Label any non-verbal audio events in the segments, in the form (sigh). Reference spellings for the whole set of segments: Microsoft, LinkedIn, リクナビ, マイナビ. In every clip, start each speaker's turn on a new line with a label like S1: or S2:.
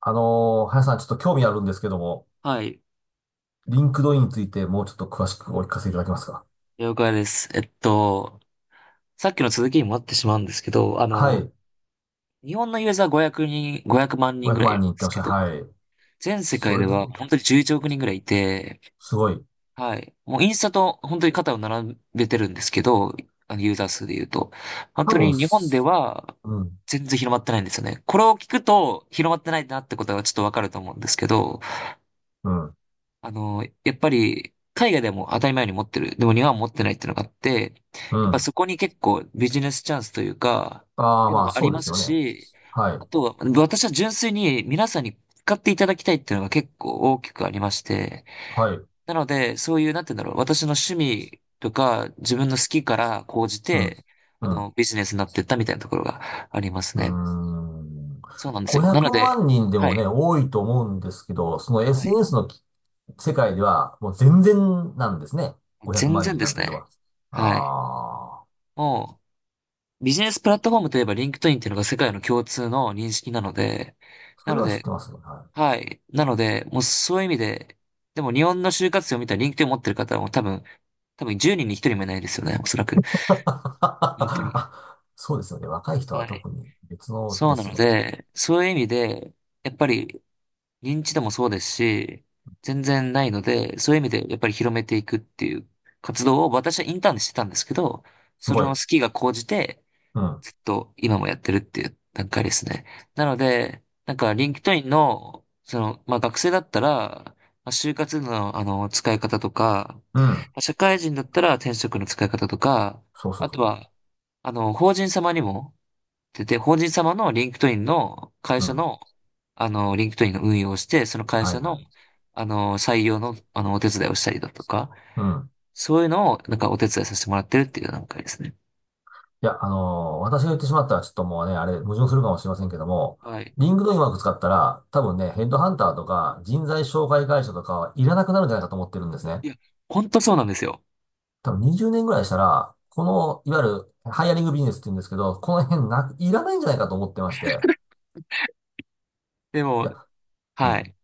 S1: 林さん、ちょっと興味あるんですけども、
S2: はい、
S1: リンクドインについてもうちょっと詳しくお聞かせいただけますか。
S2: 了解です。さっきの続きにもなってしまうんですけど、
S1: はい。
S2: 日本のユーザー500万人
S1: 500
S2: ぐらいいる
S1: 万
S2: ん
S1: 人っ
S2: で
S1: て
S2: す
S1: おっし
S2: け
S1: ゃる
S2: ど、
S1: はい。
S2: 全世
S1: そ
S2: 界
S1: れ
S2: で
S1: で
S2: は
S1: も、
S2: 本当に11億人ぐらいいて、
S1: すごい。
S2: はい、もうインスタと本当に肩を並べてるんですけど、ユーザー数で言うと、本
S1: 多
S2: 当
S1: 分、
S2: に日本で
S1: す
S2: は
S1: うん、
S2: 全然広まってないんですよね。これを聞くと広まってないなってことがちょっとわかると思うんですけど、
S1: うん、
S2: やっぱり、海外でも当たり前に持ってる。でも日本は持ってないっていうのがあって、
S1: う
S2: やっぱそ
S1: ん。
S2: こに結構ビジネスチャンスというか、っ
S1: ああ、
S2: ていうの
S1: まあ、
S2: もあり
S1: そうで
S2: ま
S1: す
S2: す
S1: よね。
S2: し、
S1: は
S2: あ
S1: い、
S2: とは、私は純粋に皆さんに使っていただきたいっていうのが結構大きくありまして、
S1: はい、
S2: なので、そういう、なんて言うんだろう、私の趣味とか、自分の好きから講じ
S1: うん、
S2: て、
S1: うん。
S2: ビジネスになってったみたいなところがあります
S1: うー
S2: ね。
S1: ん。
S2: そうなんですよ。
S1: 500
S2: なので、
S1: 万人で
S2: は
S1: も
S2: い、
S1: ね、多いと思うんですけど、その
S2: はい、
S1: SNS のき世界ではもう全然なんですね。500
S2: 全
S1: 万
S2: 然
S1: 人
S2: で
S1: なん
S2: す
S1: ていうの
S2: ね。
S1: は。
S2: はい。
S1: ああ、
S2: もう、ビジネスプラットフォームといえばリンクトインっていうのが世界の共通の認識なので、
S1: そ
S2: な
S1: れ
S2: の
S1: は知っ
S2: で、
S1: てますね。はい。
S2: はい。なので、もうそういう意味で、でも日本の就活生を見たらリンクトイン持ってる方はもう多分10人に1人もいないですよね、おそらく。
S1: (laughs)
S2: 本当に。
S1: あ、そうですよね。若い人は
S2: はい。
S1: 特に別の
S2: そう
S1: で
S2: な
S1: す
S2: の
S1: よね。
S2: で、そういう意味で、やっぱり認知度もそうですし、全然ないので、そういう意味でやっぱり広めていくっていう活動を私はインターンでしてたんですけど、
S1: す
S2: それ
S1: ご
S2: の
S1: い。
S2: 好きが高じて、
S1: うん。
S2: ずっと今もやってるっていう段階ですね。なので、なんか、リンクトインの、その、まあ、学生だったら、まあ、就活の、使い方とか、
S1: うん。
S2: まあ社会人だったら転職の使い方とか、
S1: そうそ
S2: あ
S1: うそ
S2: と
S1: う。
S2: は、法人様にも、出て、法人様のリンクトインの会
S1: う
S2: 社
S1: ん。
S2: の、リンクトインの運用をして、その会
S1: はい
S2: 社
S1: は
S2: の、
S1: い。
S2: 採用の、お手伝いをしたりだとか、
S1: うん。
S2: そういうのを、なんかお手伝いさせてもらってるっていう段階ですね。
S1: いや、私が言ってしまったらちょっともうね、あれ、矛盾するかもしれませんけども、
S2: はい。
S1: リングドインうまく使ったら、多分ね、ヘッドハンターとか人材紹介会社とかはいらなくなるんじゃないかと思ってるんですね。
S2: いや、ほんとそうなんですよ。
S1: 多分20年ぐらいしたら、この、いわゆるハイアリングビジネスって言うんですけど、この辺なく、いらないんじゃないかと思ってまして。
S2: で
S1: い
S2: も、
S1: や、う
S2: は
S1: ん、
S2: い。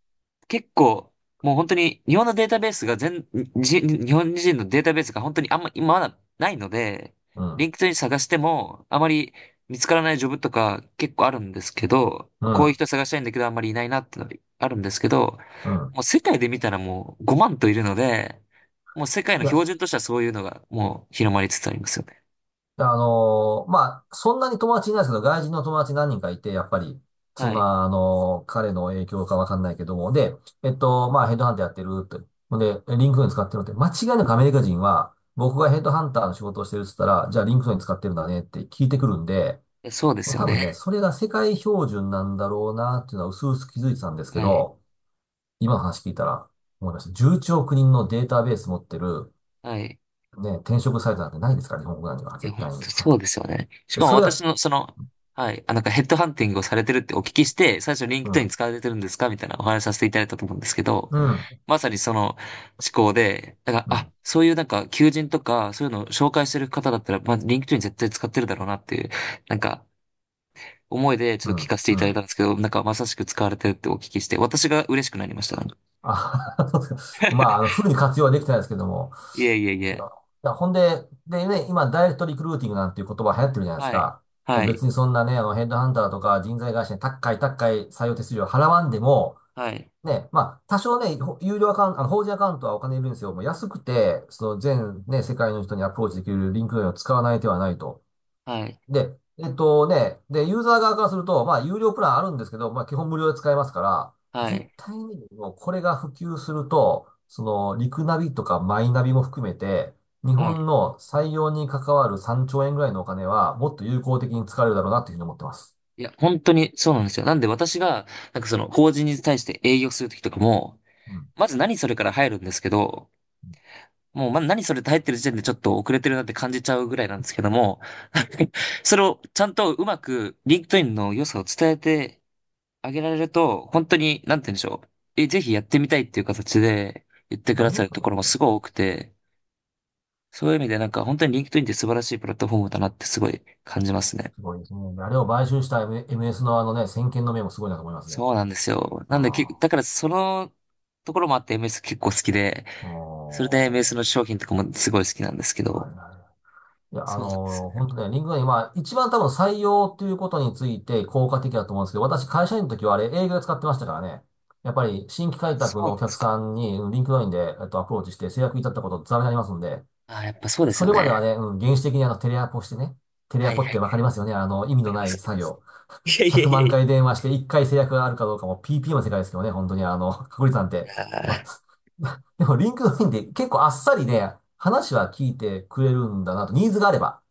S2: 結構、もう本当に日本のデータベースが日本人のデータベースが本当にあんま、今まだないので、
S1: う
S2: リン
S1: ん、
S2: クトイン探しても、あまり見つからないジョブとか結構あるんですけど、
S1: う
S2: こういう
S1: ん、
S2: 人探したいんだけどあんまりいないなってのあるんですけど、
S1: うん。
S2: もう世界で見たらもう5万といるので、もう世界
S1: い
S2: の
S1: や、
S2: 標準としてはそういうのがもう広まりつつありますよね。
S1: まあ、そんなに友達いないですけど、外人の友達何人かいて、やっぱり、そん
S2: はい。
S1: な、彼の影響かわかんないけども、で、まあ、ヘッドハンターやってるって、ほんで、リンクトイン使ってるって、間違いなくアメリカ人は、僕がヘッドハンターの仕事をしてるって言ったら、じゃあリンクトイン使ってるんだねって聞いてくるんで、
S2: えそうで
S1: もう
S2: すよ
S1: 多分
S2: ね。
S1: ね、それが世界標準なんだろうなっていうのは薄々気づいてたんですけ
S2: はい。
S1: ど、今の話聞いたら思いました。11人のデータベース持ってる、
S2: はい。
S1: ね、転職サイトなんてないですから、日本国内には
S2: いや、
S1: 絶対
S2: 本
S1: に。
S2: 当そうですよね。し
S1: で、
S2: かも
S1: それ
S2: 私
S1: が、
S2: の、その、はい、あ、なんかヘッドハンティングをされてるってお聞きして、最初リン
S1: う
S2: クトイン
S1: ん、
S2: 使われてるんですかみたいなお話しさせていただいたと思うんですけど、
S1: うん、
S2: まさにその思考で、だから、
S1: う
S2: あ、
S1: ん、
S2: そういうなんか求人とか、そういうのを紹介してる方だったら、まあ、リンクトイン絶対使ってるだろうなっていう、なんか、思いでち
S1: う
S2: ょっと聞
S1: ん、
S2: かせてい
S1: う
S2: ただいた
S1: ん。
S2: んですけど、なんかまさしく使われてるってお聞きして、私が嬉しくなりました。なんか
S1: あ、(laughs) そうですか。(laughs) まあ、あの、フルに活用はできてないですけども。
S2: いえいえい
S1: いや、
S2: え。
S1: ほんで、でね、今、ダイレクトリクルーティングなんていう言葉流行ってるじゃないです
S2: はい。
S1: か。も
S2: は
S1: う別
S2: い。
S1: にそんなね、あの、ヘッドハンターとか人材会社に高い高い採用手数料払わんでも、
S2: はい。
S1: ね、まあ、多少ね、有料アカウント、あの、法人アカウントはお金いるんですよ。もう安くて、その全ね、世界の人にアプローチできるリンクドインを使わない手はないと。
S2: はい。
S1: で、で、ユーザー側からすると、まあ、有料プランあるんですけど、まあ、基本無料で使えますから、
S2: は
S1: 絶
S2: い。
S1: 対に、もう、これが普及すると、その、リクナビとかマイナビも含めて、日
S2: はい。
S1: 本の採用に関わる3兆円ぐらいのお金は、もっと有効的に使われるだろうなというふうに思ってます。
S2: いや、本当にそうなんですよ。なんで私が、なんかその、法人に対して営業するときとかも、
S1: うん。
S2: まず何それから入るんですけど、もう何それって入ってる時点でちょっと遅れてるなって感じちゃうぐらいなんですけども、(laughs) それをちゃんとうまく、リンクトインの良さを伝えてあげられると、本当に、なんて言うんでしょう。え、ぜひやってみたいっていう形で言ってく
S1: あ
S2: だ
S1: り
S2: さ
S1: ます
S2: る
S1: よ
S2: ところもすご
S1: ね。
S2: い多くて、そういう意味でなんか本当にリンクトインって素晴らしいプラットフォームだなってすごい感じますね。
S1: すごいですね。あれを買収した MS のあのね、先見の明もすごいなと思いますね。
S2: そうなんですよ。なんで、
S1: ああ。
S2: だからそのところもあって MS 結構好きで、それで MS
S1: お
S2: の商品とかもすごい好きなんですけ
S1: ー。はい
S2: ど、
S1: はい。いや、
S2: そうなんですね。
S1: 本当ね、リンクドインは一番多分採用ということについて効果的だと思うんですけど、私会社員の時はあれ営業で使ってましたからね。やっぱり新規開
S2: そ
S1: 拓
S2: う
S1: の
S2: な
S1: お
S2: んで
S1: 客
S2: すか。
S1: さんにリンクドインで、アプローチして制約いたったことざらにありますんで、
S2: ああ、やっぱそうです
S1: そ
S2: よ
S1: れまでは
S2: ね。
S1: ね、うん、原始的にあのテレアポしてね、テレ
S2: は
S1: ア
S2: い
S1: ポ
S2: は
S1: って
S2: い。
S1: わかりますよね。あの、意
S2: わ
S1: 味
S2: か
S1: の
S2: りま
S1: ない
S2: す。
S1: 作業。
S2: いやいや
S1: 100
S2: いや
S1: 万
S2: い
S1: 回電話して1回制約があるかどうかも PP の世界ですけどね、本当にあの、確率なんて。
S2: や。あ
S1: ま
S2: ー
S1: あ、(laughs) でもリンクドインって結構あっさりね、話は聞いてくれるんだなと、ニーズがあれば。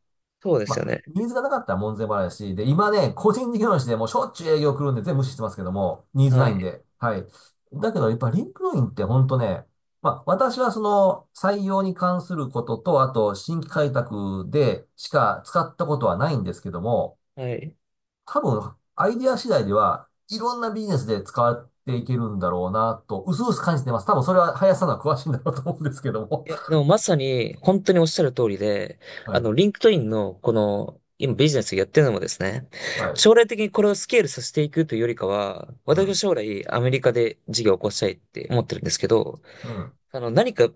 S2: そうで
S1: ま
S2: すよ
S1: あ、
S2: ね。
S1: ニーズがなかったら門前払いだし、で、今ね、個人事業主でもうしょっちゅう営業来るんで全部無視してますけども、ニーズ
S2: は
S1: ないん
S2: い。
S1: で。はい。だけど、やっぱリンクドインって本当ね、まあ、私はその採用に関することと、あと新規開拓でしか使ったことはないんですけども、
S2: はい。
S1: 多分、アイディア次第では、いろんなビジネスで使っていけるんだろうなと、うすうす感じてます。多分それは林さんの方が詳しいんだろうと思うんですけども。
S2: いや、でもまさに本当におっしゃる通りで、
S1: (laughs) はい。
S2: リンクトインのこの、今ビジネスをやってるのもですね、
S1: はい。
S2: 将来的にこれをスケールさせていくというよりかは、
S1: う
S2: 私は
S1: ん。
S2: 将来アメリカで事業を起こしたいって思ってるんですけど、
S1: うん。
S2: 何か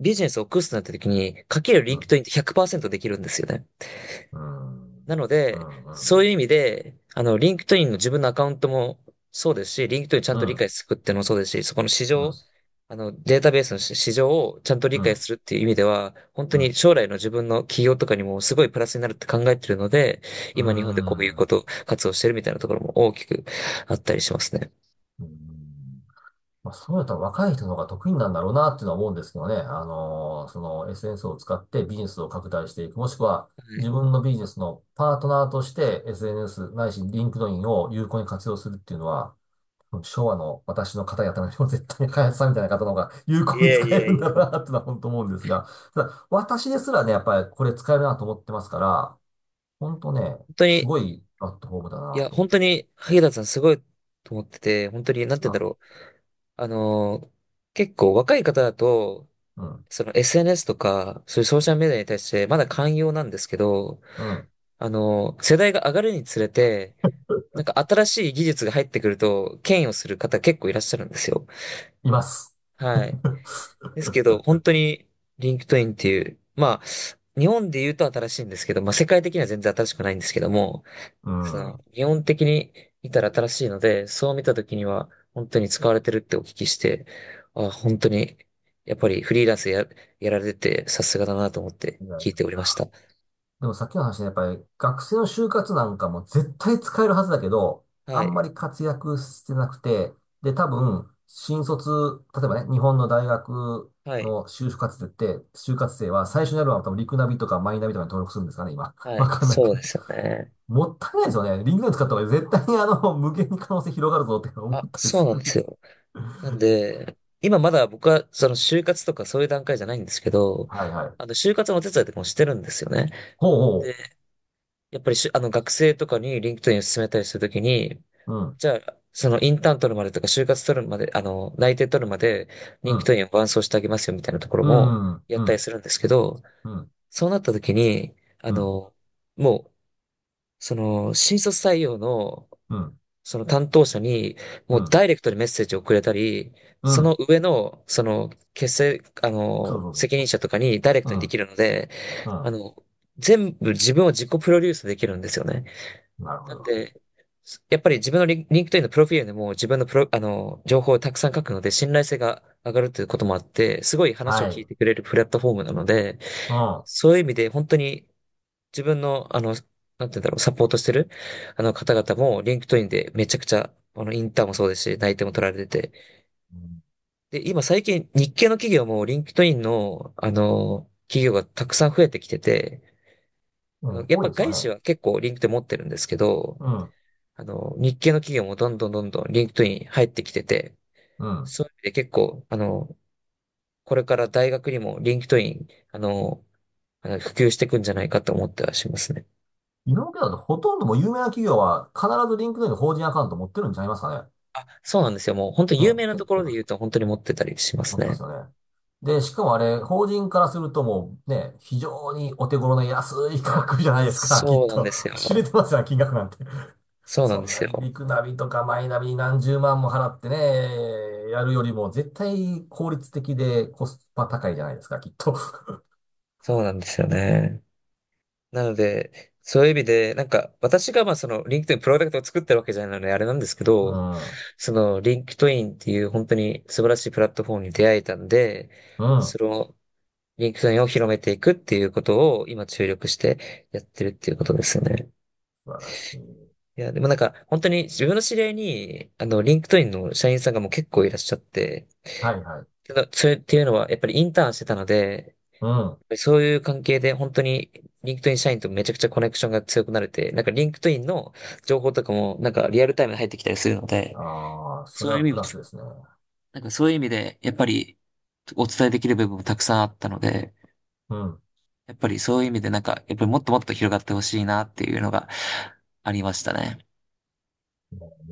S2: ビジネスを起こすとなった時に、かける
S1: う
S2: リンクト
S1: ん。
S2: インって100%できるんですよね。
S1: うん。うん。
S2: なの
S1: う
S2: で、
S1: ん。う
S2: そういう
S1: ん。
S2: 意味で、リンクトインの自分のアカウントもそうですし、リンクトインちゃん
S1: う
S2: と理
S1: ん、
S2: 解するっていうのもそうですし、そこの市
S1: うん、
S2: 場、データベースの市場をちゃんと理
S1: う
S2: 解
S1: ん、
S2: するっていう意味では、本当
S1: う
S2: に
S1: ん、
S2: 将来の自分の企業とかにもすごいプラスになるって考えてるので、
S1: うー
S2: 今日本でこういうこ
S1: ん。
S2: と活動してるみたいなところも大きくあったりしますね。
S1: うん、まあ、そうやったら若い人の方が得意なんだろうなっていうのは思うんですけどね。その SNS を使ってビジネスを拡大していく。もしくは
S2: は
S1: 自
S2: い
S1: 分のビジネスのパートナーとして SNS ないしリンクドインを有効に活用するっていうのは、昭和の私の方々よりも絶対に開発さんみたいな方の方が有
S2: い
S1: 効に
S2: や
S1: 使
S2: い
S1: え
S2: や
S1: るん
S2: い
S1: だろ
S2: や
S1: うなっていうのは本当思うんですが、ただ私ですらね、やっぱりこれ使えるなと思ってますから、本当ね、
S2: 本当
S1: す
S2: に
S1: ごいプラットフォームだ
S2: い
S1: な
S2: や、
S1: と。
S2: 本当に、萩田さんすごいと思ってて、本当に、なんて言うんだ
S1: あ、
S2: ろう。あのー結構若い方だと、
S1: うん、
S2: その SNS とか、そういうソーシャルメディアに対してまだ寛容なんですけど、
S1: うん、
S2: 世代が上がるにつれて、なんか新しい技術が入ってくると、嫌悪する方結構いらっしゃるんですよ。
S1: います。
S2: はい。で
S1: (laughs)
S2: すけど、本当に、リンクトインっていう、まあ、日本で言うと新しいんですけど、まあ世界的には全然新しくないんですけども、
S1: う
S2: その、
S1: ん。
S2: 基本的に見たら新しいので、そう見た時には本当に使われてるってお聞きして、あ、本当に、やっぱりフリーランスや、やられててさすがだなと思って
S1: いやい
S2: 聞い
S1: や。
S2: ておりました。
S1: でもさっきの話ね、やっぱり学生の就活なんかも絶対使えるはずだけど、
S2: は
S1: あんま
S2: い。
S1: り活躍してなくて、で、多分、新卒、例えばね、日本の大学
S2: はい。
S1: の就活生って、就活生は最初にやるのは多分リクナビとかマイナビとかに登録するんですかね、今。(laughs)
S2: は
S1: わ
S2: い。
S1: かんないけ
S2: そうで
S1: ど。
S2: すよね。
S1: もったいないですよね。リンクナビ使った方が絶対にあの、無限に可能性広がるぞって思っ
S2: あ、
S1: たり
S2: そう
S1: す
S2: なん
S1: る
S2: で
S1: んで
S2: す
S1: す。
S2: よ。なんで、今まだ僕はその就活とかそういう段階じゃないんですけど、
S1: はいはい。
S2: 就活のお手伝いとかもしてるんですよね。
S1: ほう
S2: で、
S1: ほ
S2: やっぱりしゅあの、学生とかに LinkedIn を勧めたりするときに、
S1: う。うん。
S2: じゃあ、そのインターン取るまでとか、就活取るまで、内定取るまで、
S1: う
S2: 人気党
S1: ん。
S2: 員を伴走してあげますよみたいなところ
S1: う
S2: も
S1: ん、うん、
S2: やっ
S1: う
S2: たり
S1: ん、
S2: するんですけど、
S1: うん、
S2: そうなった時に、あ
S1: うん、
S2: の、もう、その、新卒採用の、
S1: うん、
S2: その担当者に、も
S1: う
S2: う
S1: ん、
S2: ダイレクトにメッセージをくれたり、
S1: う
S2: その
S1: ん、
S2: 上の、その、結成、あ
S1: そう
S2: の、
S1: そうそう
S2: 責
S1: そ
S2: 任者とかにダイレク
S1: う。
S2: トに
S1: う
S2: でき
S1: ん、
S2: るので、あ
S1: う
S2: の、全部自分を自己プロデュースできるんですよね。
S1: ん。なるほ
S2: なん
S1: ど。
S2: で、やっぱり自分のリンクトインのプロフィールでも自分のプロ、あの、情報をたくさん書くので、信頼性が上がるということもあって、すごい話を
S1: はい。
S2: 聞い
S1: う
S2: てくれるプラットフォームなので、
S1: ん。
S2: そういう意味で本当に自分の、なんて言うんだろう、サポートしてる、あの方々も、リンクトインでめちゃくちゃ、インターンもそうですし、内定も取られてて。
S1: うん、
S2: で、今最近、日系の企業も、リンクトインの、企業がたくさん増えてきてて、
S1: うん、
S2: やっ
S1: 多い
S2: ぱ
S1: ですよ
S2: 外資
S1: ね。
S2: は結構リンクトイン持ってるんですけど、
S1: うん、
S2: 日系の企業もどんどんどんどんリンクトイン入ってきてて、
S1: うん。
S2: そういう意味で結構、これから大学にもリンクトイン、普及していくんじゃないかと思ってはしますね。
S1: 今までだとほとんどもう有名な企業は必ずリンクドインの法人アカウント持ってるんちゃいますか
S2: あ、そうなんですよ。もう本当
S1: ね。ね、
S2: 有名なと
S1: 結
S2: こ
S1: 構
S2: ろ
S1: い
S2: で
S1: ま
S2: 言
S1: す
S2: うと本当に持ってたりしま
S1: 持
S2: す
S1: ってま
S2: ね。
S1: すよね。で、しかもあれ、法人からするともうね、非常にお手頃な安い価格じゃないですか、きっ
S2: そうなん
S1: と。
S2: です
S1: 知れ
S2: よ。
S1: てますよ、金額なんて。
S2: そうな
S1: そ
S2: んで
S1: んな
S2: すよ。
S1: リクナビとかマイナビに何十万も払ってね、やるよりも絶対効率的でコスパ高いじゃないですか、きっと。(laughs)
S2: そうなんですよね。なので、そういう意味で、なんか、私がまあその、リンクトインプロダクトを作ってるわけじゃないので、あれなんですけ
S1: う
S2: ど、
S1: ん。
S2: その、リンクトインっていう本当に素晴らしいプラットフォームに出会えたんで、
S1: う
S2: そ
S1: ん。
S2: の、リンクトインを広めていくっていうことを今注力してやってるっていうことですよね。
S1: 素晴らしい。
S2: いや、でもなんか、本当に自分の知り合いに、リンクトインの社員さんがもう結構いらっしゃって、
S1: はいはい。
S2: けどそれっていうのは、やっぱりインターンしてたので、
S1: うん。
S2: そういう関係で本当にリンクトイン社員とめちゃくちゃコネクションが強くなれて、なんかリンクトインの情報とかもなんかリアルタイムで入ってきたりするので、
S1: ああ、そ
S2: そ
S1: れ
S2: ういう
S1: は
S2: 意味
S1: プ
S2: も、
S1: ラスですね。
S2: なんかそういう意味でやっぱりお伝えできる部分もたくさんあったので、
S1: うん。
S2: やっぱりそういう意味でなんかやっぱりもっともっと広がってほしいなっていうのがありましたね。
S1: ね